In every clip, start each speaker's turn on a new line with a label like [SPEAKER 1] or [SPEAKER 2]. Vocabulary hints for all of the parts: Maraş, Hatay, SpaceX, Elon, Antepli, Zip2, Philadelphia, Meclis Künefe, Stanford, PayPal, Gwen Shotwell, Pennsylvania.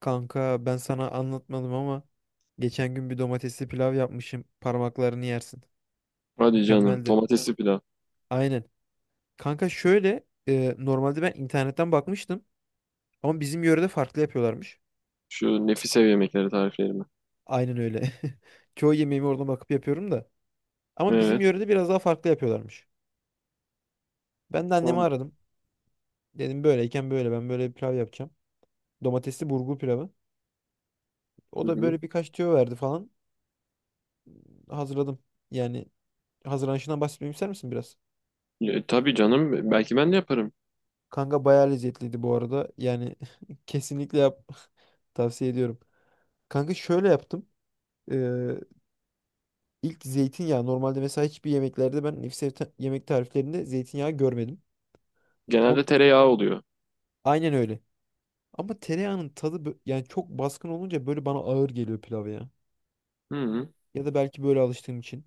[SPEAKER 1] Kanka ben sana anlatmadım ama geçen gün bir domatesli pilav yapmışım. Parmaklarını yersin.
[SPEAKER 2] Hadi canım.
[SPEAKER 1] Mükemmeldi.
[SPEAKER 2] Domatesli pilav.
[SPEAKER 1] Aynen. Kanka şöyle normalde ben internetten bakmıştım ama bizim yörede farklı yapıyorlarmış.
[SPEAKER 2] Şu nefis ev yemekleri tariflerimi.
[SPEAKER 1] Aynen öyle. Çoğu yemeğimi oradan bakıp yapıyorum da. Ama bizim
[SPEAKER 2] Evet.
[SPEAKER 1] yörede biraz daha farklı yapıyorlarmış. Ben de annemi
[SPEAKER 2] Tamam.
[SPEAKER 1] aradım. Dedim böyleyken böyle ben böyle bir pilav yapacağım. Domatesli burgu pilavı. O
[SPEAKER 2] Hı
[SPEAKER 1] da
[SPEAKER 2] hı.
[SPEAKER 1] böyle birkaç tüyo verdi falan. Hazırladım. Yani hazırlanışından bahsetmemi ister misin biraz?
[SPEAKER 2] Tabii canım. Belki ben de yaparım.
[SPEAKER 1] Kanka bayağı lezzetliydi bu arada. Yani kesinlikle yap, tavsiye ediyorum. Kanka şöyle yaptım. Ee, ilk zeytinyağı, normalde mesela hiçbir yemeklerde ben nefis yemek tariflerinde zeytinyağı görmedim. Ama
[SPEAKER 2] Genelde tereyağı oluyor.
[SPEAKER 1] aynen öyle. Ama tereyağının tadı yani çok baskın olunca böyle bana ağır geliyor pilav ya.
[SPEAKER 2] Hı hı.
[SPEAKER 1] Ya da belki böyle alıştığım için.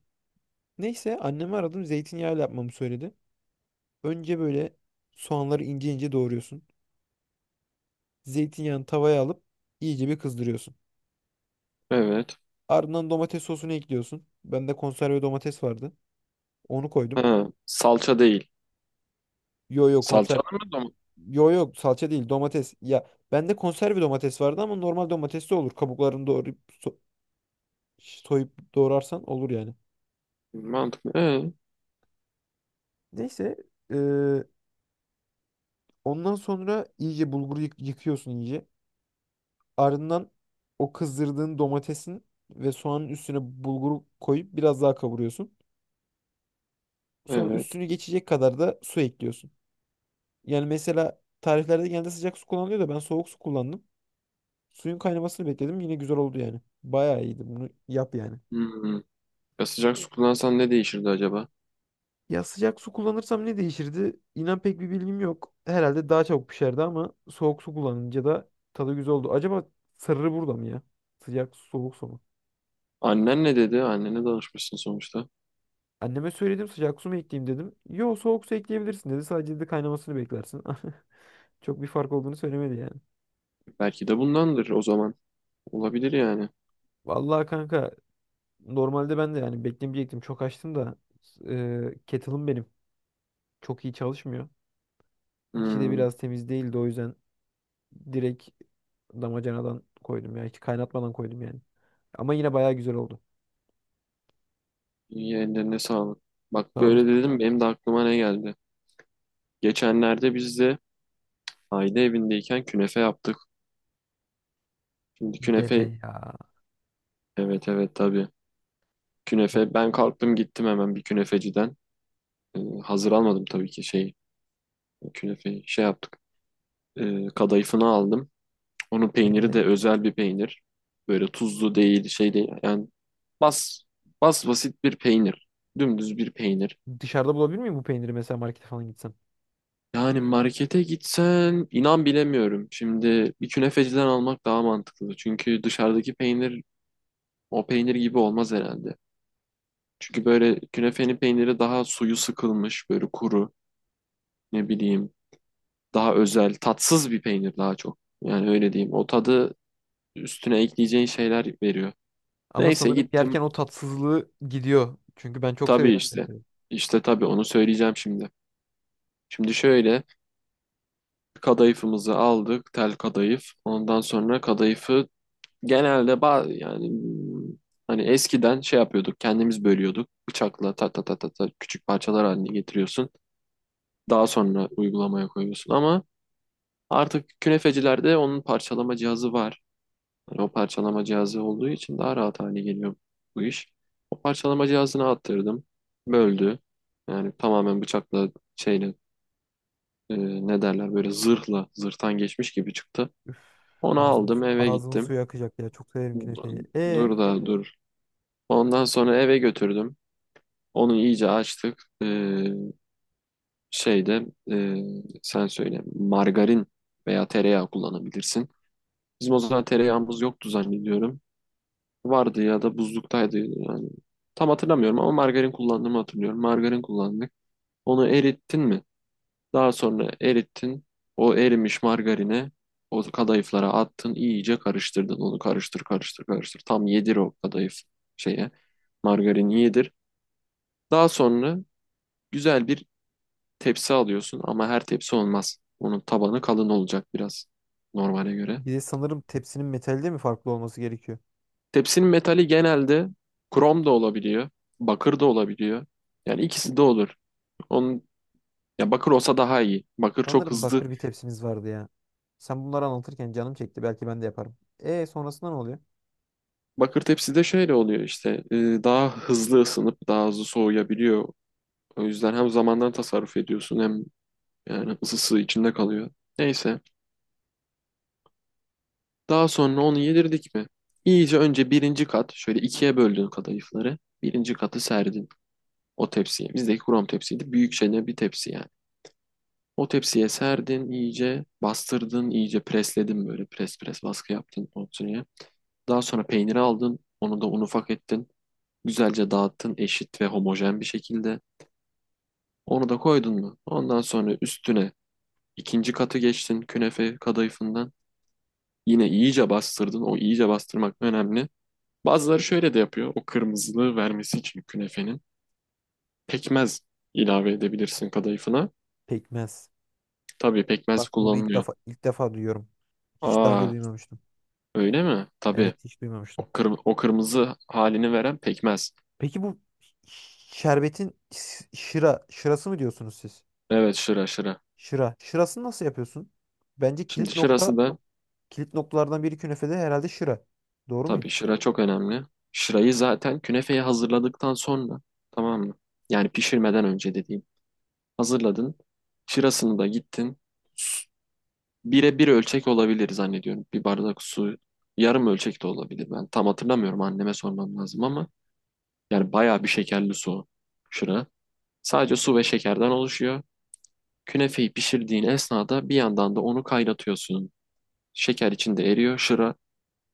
[SPEAKER 1] Neyse annemi aradım, zeytinyağıyla yapmamı söyledi. Önce böyle soğanları ince ince doğruyorsun. Zeytinyağını tavaya alıp iyice bir kızdırıyorsun.
[SPEAKER 2] Evet.
[SPEAKER 1] Ardından domates sosunu ekliyorsun. Bende konserve domates vardı. Onu koydum.
[SPEAKER 2] Ha, salça değil.
[SPEAKER 1] Yo yo konser.
[SPEAKER 2] Salçalı mı domates?
[SPEAKER 1] Yo yo, salça değil, domates. Ya bende konserve domates vardı ama normal domates de olur. Kabuklarını doğrayıp so- soyup doğrarsan olur yani.
[SPEAKER 2] Mantıklı.
[SPEAKER 1] Neyse, eee, ondan sonra iyice bulguru yıkıyorsun iyice. Ardından o kızdırdığın domatesin ve soğanın üstüne bulguru koyup biraz daha kavuruyorsun. Sonra
[SPEAKER 2] Evet.
[SPEAKER 1] üstünü geçecek kadar da su ekliyorsun. Yani mesela tariflerde genelde sıcak su kullanılıyor da ben soğuk su kullandım. Suyun kaynamasını bekledim. Yine güzel oldu yani. Bayağı iyiydi. Bunu yap yani.
[SPEAKER 2] Hı hı. Ya sıcak su kullansan ne değişirdi acaba?
[SPEAKER 1] Ya sıcak su kullanırsam ne değişirdi? İnan pek bir bilgim yok. Herhalde daha çabuk pişerdi ama soğuk su kullanınca da tadı güzel oldu. Acaba sırrı burada mı ya? Sıcak su, soğuk su mu?
[SPEAKER 2] Annen ne dedi? Annene danışmışsın sonuçta.
[SPEAKER 1] Anneme söyledim, sıcak su mu ekleyeyim dedim. Yo, soğuk su ekleyebilirsin dedi. Sadece dedi kaynamasını beklersin. Çok bir fark olduğunu söylemedi yani.
[SPEAKER 2] Belki de bundandır o zaman. Olabilir yani.
[SPEAKER 1] Vallahi kanka, normalde ben de yani beklemeyecektim. Çok açtım da kettle'ım benim. Çok iyi çalışmıyor. İçi de
[SPEAKER 2] Hmm.
[SPEAKER 1] biraz temiz değildi, o yüzden direkt damacanadan koydum ya. Hiç kaynatmadan koydum yani. Ama yine bayağı güzel oldu.
[SPEAKER 2] İyi ellerine sağlık. Bak
[SPEAKER 1] Sağ
[SPEAKER 2] böyle
[SPEAKER 1] olasın.
[SPEAKER 2] dedim, benim de aklıma ne geldi. Geçenlerde biz de aile evindeyken künefe yaptık. Şimdi
[SPEAKER 1] Deme
[SPEAKER 2] künefe,
[SPEAKER 1] ya.
[SPEAKER 2] evet evet tabii.
[SPEAKER 1] Çok
[SPEAKER 2] Künefe, ben kalktım gittim hemen bir künefeciden. Hazır almadım tabii ki, şey, künefeyi şey yaptık. Kadayıfını aldım. Onun peyniri
[SPEAKER 1] deme.
[SPEAKER 2] de özel bir peynir. Böyle tuzlu değil, şey değil. Yani bas basit bir peynir. Dümdüz bir peynir.
[SPEAKER 1] Dışarıda bulabilir miyim bu peyniri, mesela markete falan gitsem?
[SPEAKER 2] Yani markete gitsen inan bilemiyorum. Şimdi bir künefeciden almak daha mantıklı. Çünkü dışarıdaki peynir, o peynir gibi olmaz herhalde. Çünkü böyle künefenin peyniri daha suyu sıkılmış, böyle kuru, ne bileyim, daha özel, tatsız bir peynir daha çok. Yani öyle diyeyim. O tadı üstüne ekleyeceğin şeyler veriyor.
[SPEAKER 1] Ama
[SPEAKER 2] Neyse
[SPEAKER 1] sanırım
[SPEAKER 2] gittim.
[SPEAKER 1] yerken o tatsızlığı gidiyor. Çünkü ben çok
[SPEAKER 2] Tabii
[SPEAKER 1] severim
[SPEAKER 2] işte.
[SPEAKER 1] künefeyi.
[SPEAKER 2] İşte tabii onu söyleyeceğim şimdi. Şimdi şöyle, kadayıfımızı aldık, tel kadayıf. Ondan sonra kadayıfı genelde yani, hani eskiden şey yapıyorduk, kendimiz bölüyorduk. Bıçakla ta ta ta ta ta küçük parçalar haline getiriyorsun. Daha sonra uygulamaya koyuyorsun ama artık künefecilerde onun parçalama cihazı var. Hani o parçalama cihazı olduğu için daha rahat hale geliyor bu iş. O parçalama cihazını attırdım. Böldü. Yani tamamen bıçakla, şeyle, e, ne derler, böyle zırhla, zırhtan geçmiş gibi çıktı.
[SPEAKER 1] Şu
[SPEAKER 2] Onu
[SPEAKER 1] ağzımın,
[SPEAKER 2] aldım, eve
[SPEAKER 1] ağzımın
[SPEAKER 2] gittim.
[SPEAKER 1] suyu akacak ya. Çok severim künefeyi. E
[SPEAKER 2] Dur da dur. Ondan sonra eve götürdüm. Onu iyice açtık. Şeyde, sen söyle, margarin veya tereyağı kullanabilirsin. Bizim o zaman tereyağımız yoktu zannediyorum. Vardı ya da buzluktaydı yani. Tam hatırlamıyorum ama margarin kullandığımı hatırlıyorum. Margarin kullandık. Onu erittin mi? Daha sonra erittin. O erimiş margarini o kadayıflara attın. İyice karıştırdın. Onu karıştır karıştır karıştır. Tam yedir o kadayıf şeye. Margarini yedir. Daha sonra güzel bir tepsi alıyorsun ama her tepsi olmaz. Onun tabanı kalın olacak biraz normale göre.
[SPEAKER 1] bir de sanırım tepsinin metalde mi farklı olması gerekiyor?
[SPEAKER 2] Tepsinin metali genelde krom da olabiliyor, bakır da olabiliyor. Yani ikisi de olur. Onun, ya bakır olsa daha iyi. Bakır çok
[SPEAKER 1] Sanırım
[SPEAKER 2] hızlı.
[SPEAKER 1] bakır bir tepsimiz vardı ya. Sen bunları anlatırken canım çekti. Belki ben de yaparım. E sonrasında ne oluyor?
[SPEAKER 2] Bakır tepside şöyle oluyor işte, daha hızlı ısınıp daha hızlı soğuyabiliyor. O yüzden hem zamandan tasarruf ediyorsun hem yani ısısı içinde kalıyor. Neyse. Daha sonra onu yedirdik mi? İyice önce birinci kat, şöyle ikiye böldün kadayıfları. Birinci katı serdin o tepsiye. Bizdeki krom tepsiydi. Büyük çene bir tepsi yani. O tepsiye serdin, iyice bastırdın, iyice presledin, böyle pres pres baskı yaptın o tepsiye. Daha sonra peyniri aldın. Onu da un ufak ettin. Güzelce dağıttın, eşit ve homojen bir şekilde. Onu da koydun mu? Ondan sonra üstüne ikinci katı geçtin künefe kadayıfından. Yine iyice bastırdın. O iyice bastırmak önemli. Bazıları şöyle de yapıyor. O kırmızılığı vermesi için künefenin, pekmez ilave edebilirsin kadayıfına.
[SPEAKER 1] Pekmez.
[SPEAKER 2] Tabii
[SPEAKER 1] Bak
[SPEAKER 2] pekmez
[SPEAKER 1] bunu ilk
[SPEAKER 2] kullanılıyor.
[SPEAKER 1] defa ilk defa duyuyorum. Hiç daha önce
[SPEAKER 2] Aa,
[SPEAKER 1] duymamıştım.
[SPEAKER 2] öyle mi? Tabii.
[SPEAKER 1] Evet, hiç duymamıştım.
[SPEAKER 2] O, kırmızı halini veren pekmez.
[SPEAKER 1] Peki bu şerbetin şıra şırası mı diyorsunuz siz?
[SPEAKER 2] Evet, şıra şıra.
[SPEAKER 1] Şıra. Şırasını nasıl yapıyorsun? Bence
[SPEAKER 2] Şimdi
[SPEAKER 1] kilit nokta,
[SPEAKER 2] şırası da...
[SPEAKER 1] kilit noktalardan biri künefede herhalde şıra. Doğru muyum?
[SPEAKER 2] Tabii şıra çok önemli. Şırayı zaten künefeyi hazırladıktan sonra, tamam mı? Yani pişirmeden önce dediğim. Hazırladın. Şırasını da gittin. Bire bir ölçek olabilir zannediyorum. Bir bardak su, yarım ölçek de olabilir. Ben tam hatırlamıyorum, anneme sormam lazım ama yani bayağı bir şekerli su o şıra. Sadece su ve şekerden oluşuyor. Künefeyi pişirdiğin esnada bir yandan da onu kaynatıyorsun. Şeker içinde eriyor. Şıra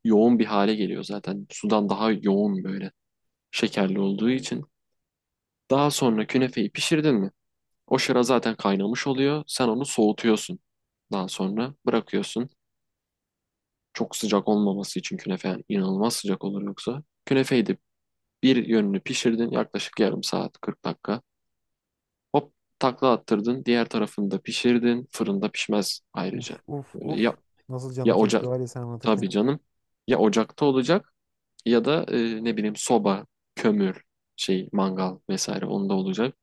[SPEAKER 2] yoğun bir hale geliyor zaten. Sudan daha yoğun, böyle şekerli olduğu için. Daha sonra künefeyi pişirdin mi? O şıra zaten kaynamış oluyor. Sen onu soğutuyorsun. Daha sonra bırakıyorsun. Çok sıcak olmaması için künefe, yani inanılmaz sıcak olur yoksa. Künefeyi de bir yönünü pişirdin, yaklaşık yarım saat, 40 dakika. Hop, takla attırdın. Diğer tarafını da pişirdin. Fırında pişmez ayrıca.
[SPEAKER 1] Uf uf
[SPEAKER 2] Ee,
[SPEAKER 1] uf.
[SPEAKER 2] Ya,
[SPEAKER 1] Nasıl canım
[SPEAKER 2] ya
[SPEAKER 1] çekti
[SPEAKER 2] ocak,
[SPEAKER 1] var ya sen anlatırken.
[SPEAKER 2] tabii canım. Ya ocakta olacak ya da, ne bileyim, soba, kömür, şey mangal vesaire, onda olacak.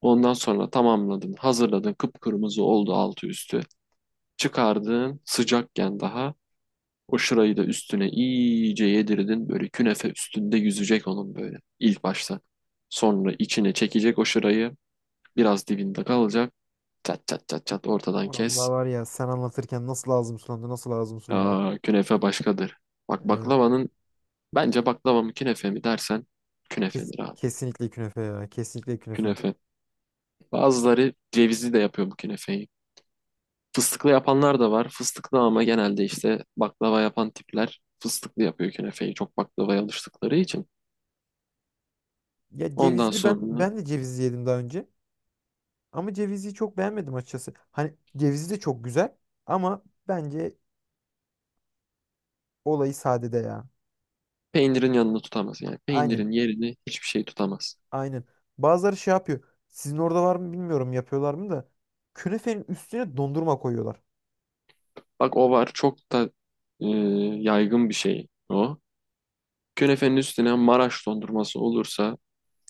[SPEAKER 2] Ondan sonra tamamladın, hazırladın, kıpkırmızı oldu altı üstü. Çıkardın sıcakken daha. O şırayı da üstüne iyice yedirdin. Böyle künefe üstünde yüzecek onun, böyle ilk başta. Sonra içine çekecek o şırayı. Biraz dibinde kalacak. Çat çat çat çat ortadan
[SPEAKER 1] Vallahi
[SPEAKER 2] kes.
[SPEAKER 1] var ya sen anlatırken nasıl ağzım sulandı, nasıl ağzım sulandı.
[SPEAKER 2] Aa, künefe başkadır. Bak,
[SPEAKER 1] Evet.
[SPEAKER 2] baklavanın, bence baklava mı künefe mi dersen, künefedir abi.
[SPEAKER 1] Kesinlikle künefe ya. Kesinlikle künefe.
[SPEAKER 2] Künefe. Bazıları cevizli de yapıyor bu künefeyi. Fıstıklı yapanlar da var. Fıstıklı ama genelde işte baklava yapan tipler fıstıklı yapıyor künefeyi. Çok baklavaya alıştıkları için.
[SPEAKER 1] Ya
[SPEAKER 2] Ondan
[SPEAKER 1] cevizli,
[SPEAKER 2] sonra
[SPEAKER 1] ben de cevizli yedim daha önce. Ama cevizi çok beğenmedim açıkçası. Hani cevizli de çok güzel ama bence olayı sadede ya.
[SPEAKER 2] peynirin yanını tutamaz. Yani
[SPEAKER 1] Aynen.
[SPEAKER 2] peynirin yerini hiçbir şey tutamaz.
[SPEAKER 1] Aynen. Bazıları şey yapıyor. Sizin orada var mı bilmiyorum, yapıyorlar mı da künefenin üstüne dondurma koyuyorlar.
[SPEAKER 2] Bak o var. Çok da, e, yaygın bir şey o. Künefenin üstüne Maraş dondurması olursa,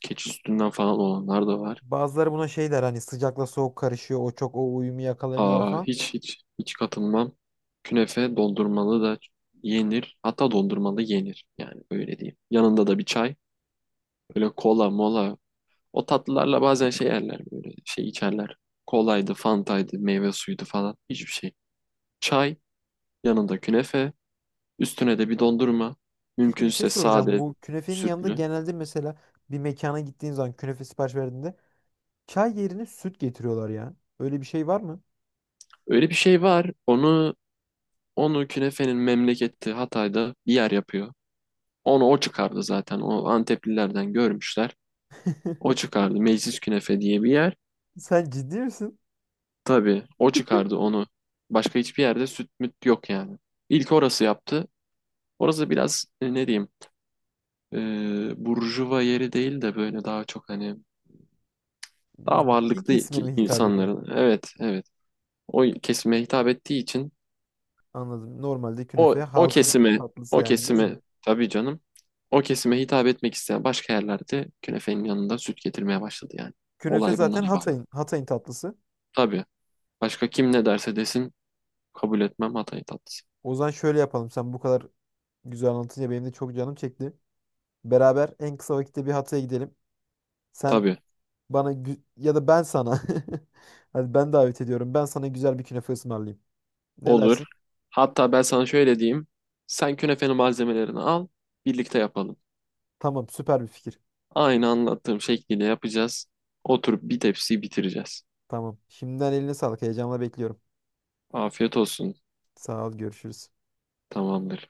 [SPEAKER 2] keçi sütünden falan olanlar da var.
[SPEAKER 1] Bazıları buna şey der, hani sıcakla soğuk karışıyor. O çok o uyumu yakalamıyorlar
[SPEAKER 2] Aa,
[SPEAKER 1] falan.
[SPEAKER 2] hiç hiç hiç katılmam. Künefe dondurmalı da yenir. Hatta dondurmalı yenir. Yani öyle diyeyim. Yanında da bir çay. Böyle kola mola, o tatlılarla bazen şey yerler, böyle şey içerler. Kolaydı, fantaydı, meyve suyuydu falan, hiçbir şey. Çay, yanında künefe, üstüne de bir dondurma.
[SPEAKER 1] Peki bir şey
[SPEAKER 2] Mümkünse
[SPEAKER 1] soracağım.
[SPEAKER 2] sade,
[SPEAKER 1] Bu künefenin yanında
[SPEAKER 2] sütlü.
[SPEAKER 1] genelde mesela bir mekana gittiğin zaman künefe sipariş verdiğinde çay yerine süt getiriyorlar ya. Öyle bir şey var mı?
[SPEAKER 2] Öyle bir şey var. Onu künefenin memleketi Hatay'da bir yer yapıyor. Onu o çıkardı zaten. O Anteplilerden görmüşler. O çıkardı. Meclis Künefe diye bir yer.
[SPEAKER 1] Sen ciddi misin?
[SPEAKER 2] Tabii o çıkardı onu. Başka hiçbir yerde süt müt yok yani. İlk orası yaptı. Orası biraz, ne diyeyim, burjuva yeri değil de böyle daha çok hani daha
[SPEAKER 1] Zengin
[SPEAKER 2] varlıklı
[SPEAKER 1] kesime mi hitap ediyor?
[SPEAKER 2] insanların, evet evet, o kesime hitap ettiği için
[SPEAKER 1] Anladım. Normalde künefe
[SPEAKER 2] o o
[SPEAKER 1] halkın
[SPEAKER 2] kesime
[SPEAKER 1] tatlısı
[SPEAKER 2] o
[SPEAKER 1] yani değil mi?
[SPEAKER 2] kesime tabii canım, o kesime hitap etmek isteyen başka yerlerde künefenin yanında süt getirmeye başladı yani.
[SPEAKER 1] Künefe
[SPEAKER 2] Olay bundan
[SPEAKER 1] zaten
[SPEAKER 2] ibaret.
[SPEAKER 1] Hatay'ın, Hatay'ın tatlısı.
[SPEAKER 2] Tabii. Başka kim ne derse desin kabul etmem, Hatay tatlısı.
[SPEAKER 1] O zaman şöyle yapalım. Sen bu kadar güzel anlatınca benim de çok canım çekti. Beraber en kısa vakitte bir Hatay'a gidelim. Sen
[SPEAKER 2] Tabii.
[SPEAKER 1] bana ya da ben sana. Hadi ben davet ediyorum. Ben sana güzel bir künefe ısmarlayayım. Ne dersin?
[SPEAKER 2] Olur. Hatta ben sana şöyle diyeyim. Sen künefenin malzemelerini al, birlikte yapalım.
[SPEAKER 1] Tamam, süper bir fikir.
[SPEAKER 2] Aynı anlattığım şekliyle yapacağız. Oturup bir tepsiyi bitireceğiz.
[SPEAKER 1] Tamam. Şimdiden eline sağlık. Heyecanla bekliyorum.
[SPEAKER 2] Afiyet olsun.
[SPEAKER 1] Sağ ol, görüşürüz.
[SPEAKER 2] Tamamdır.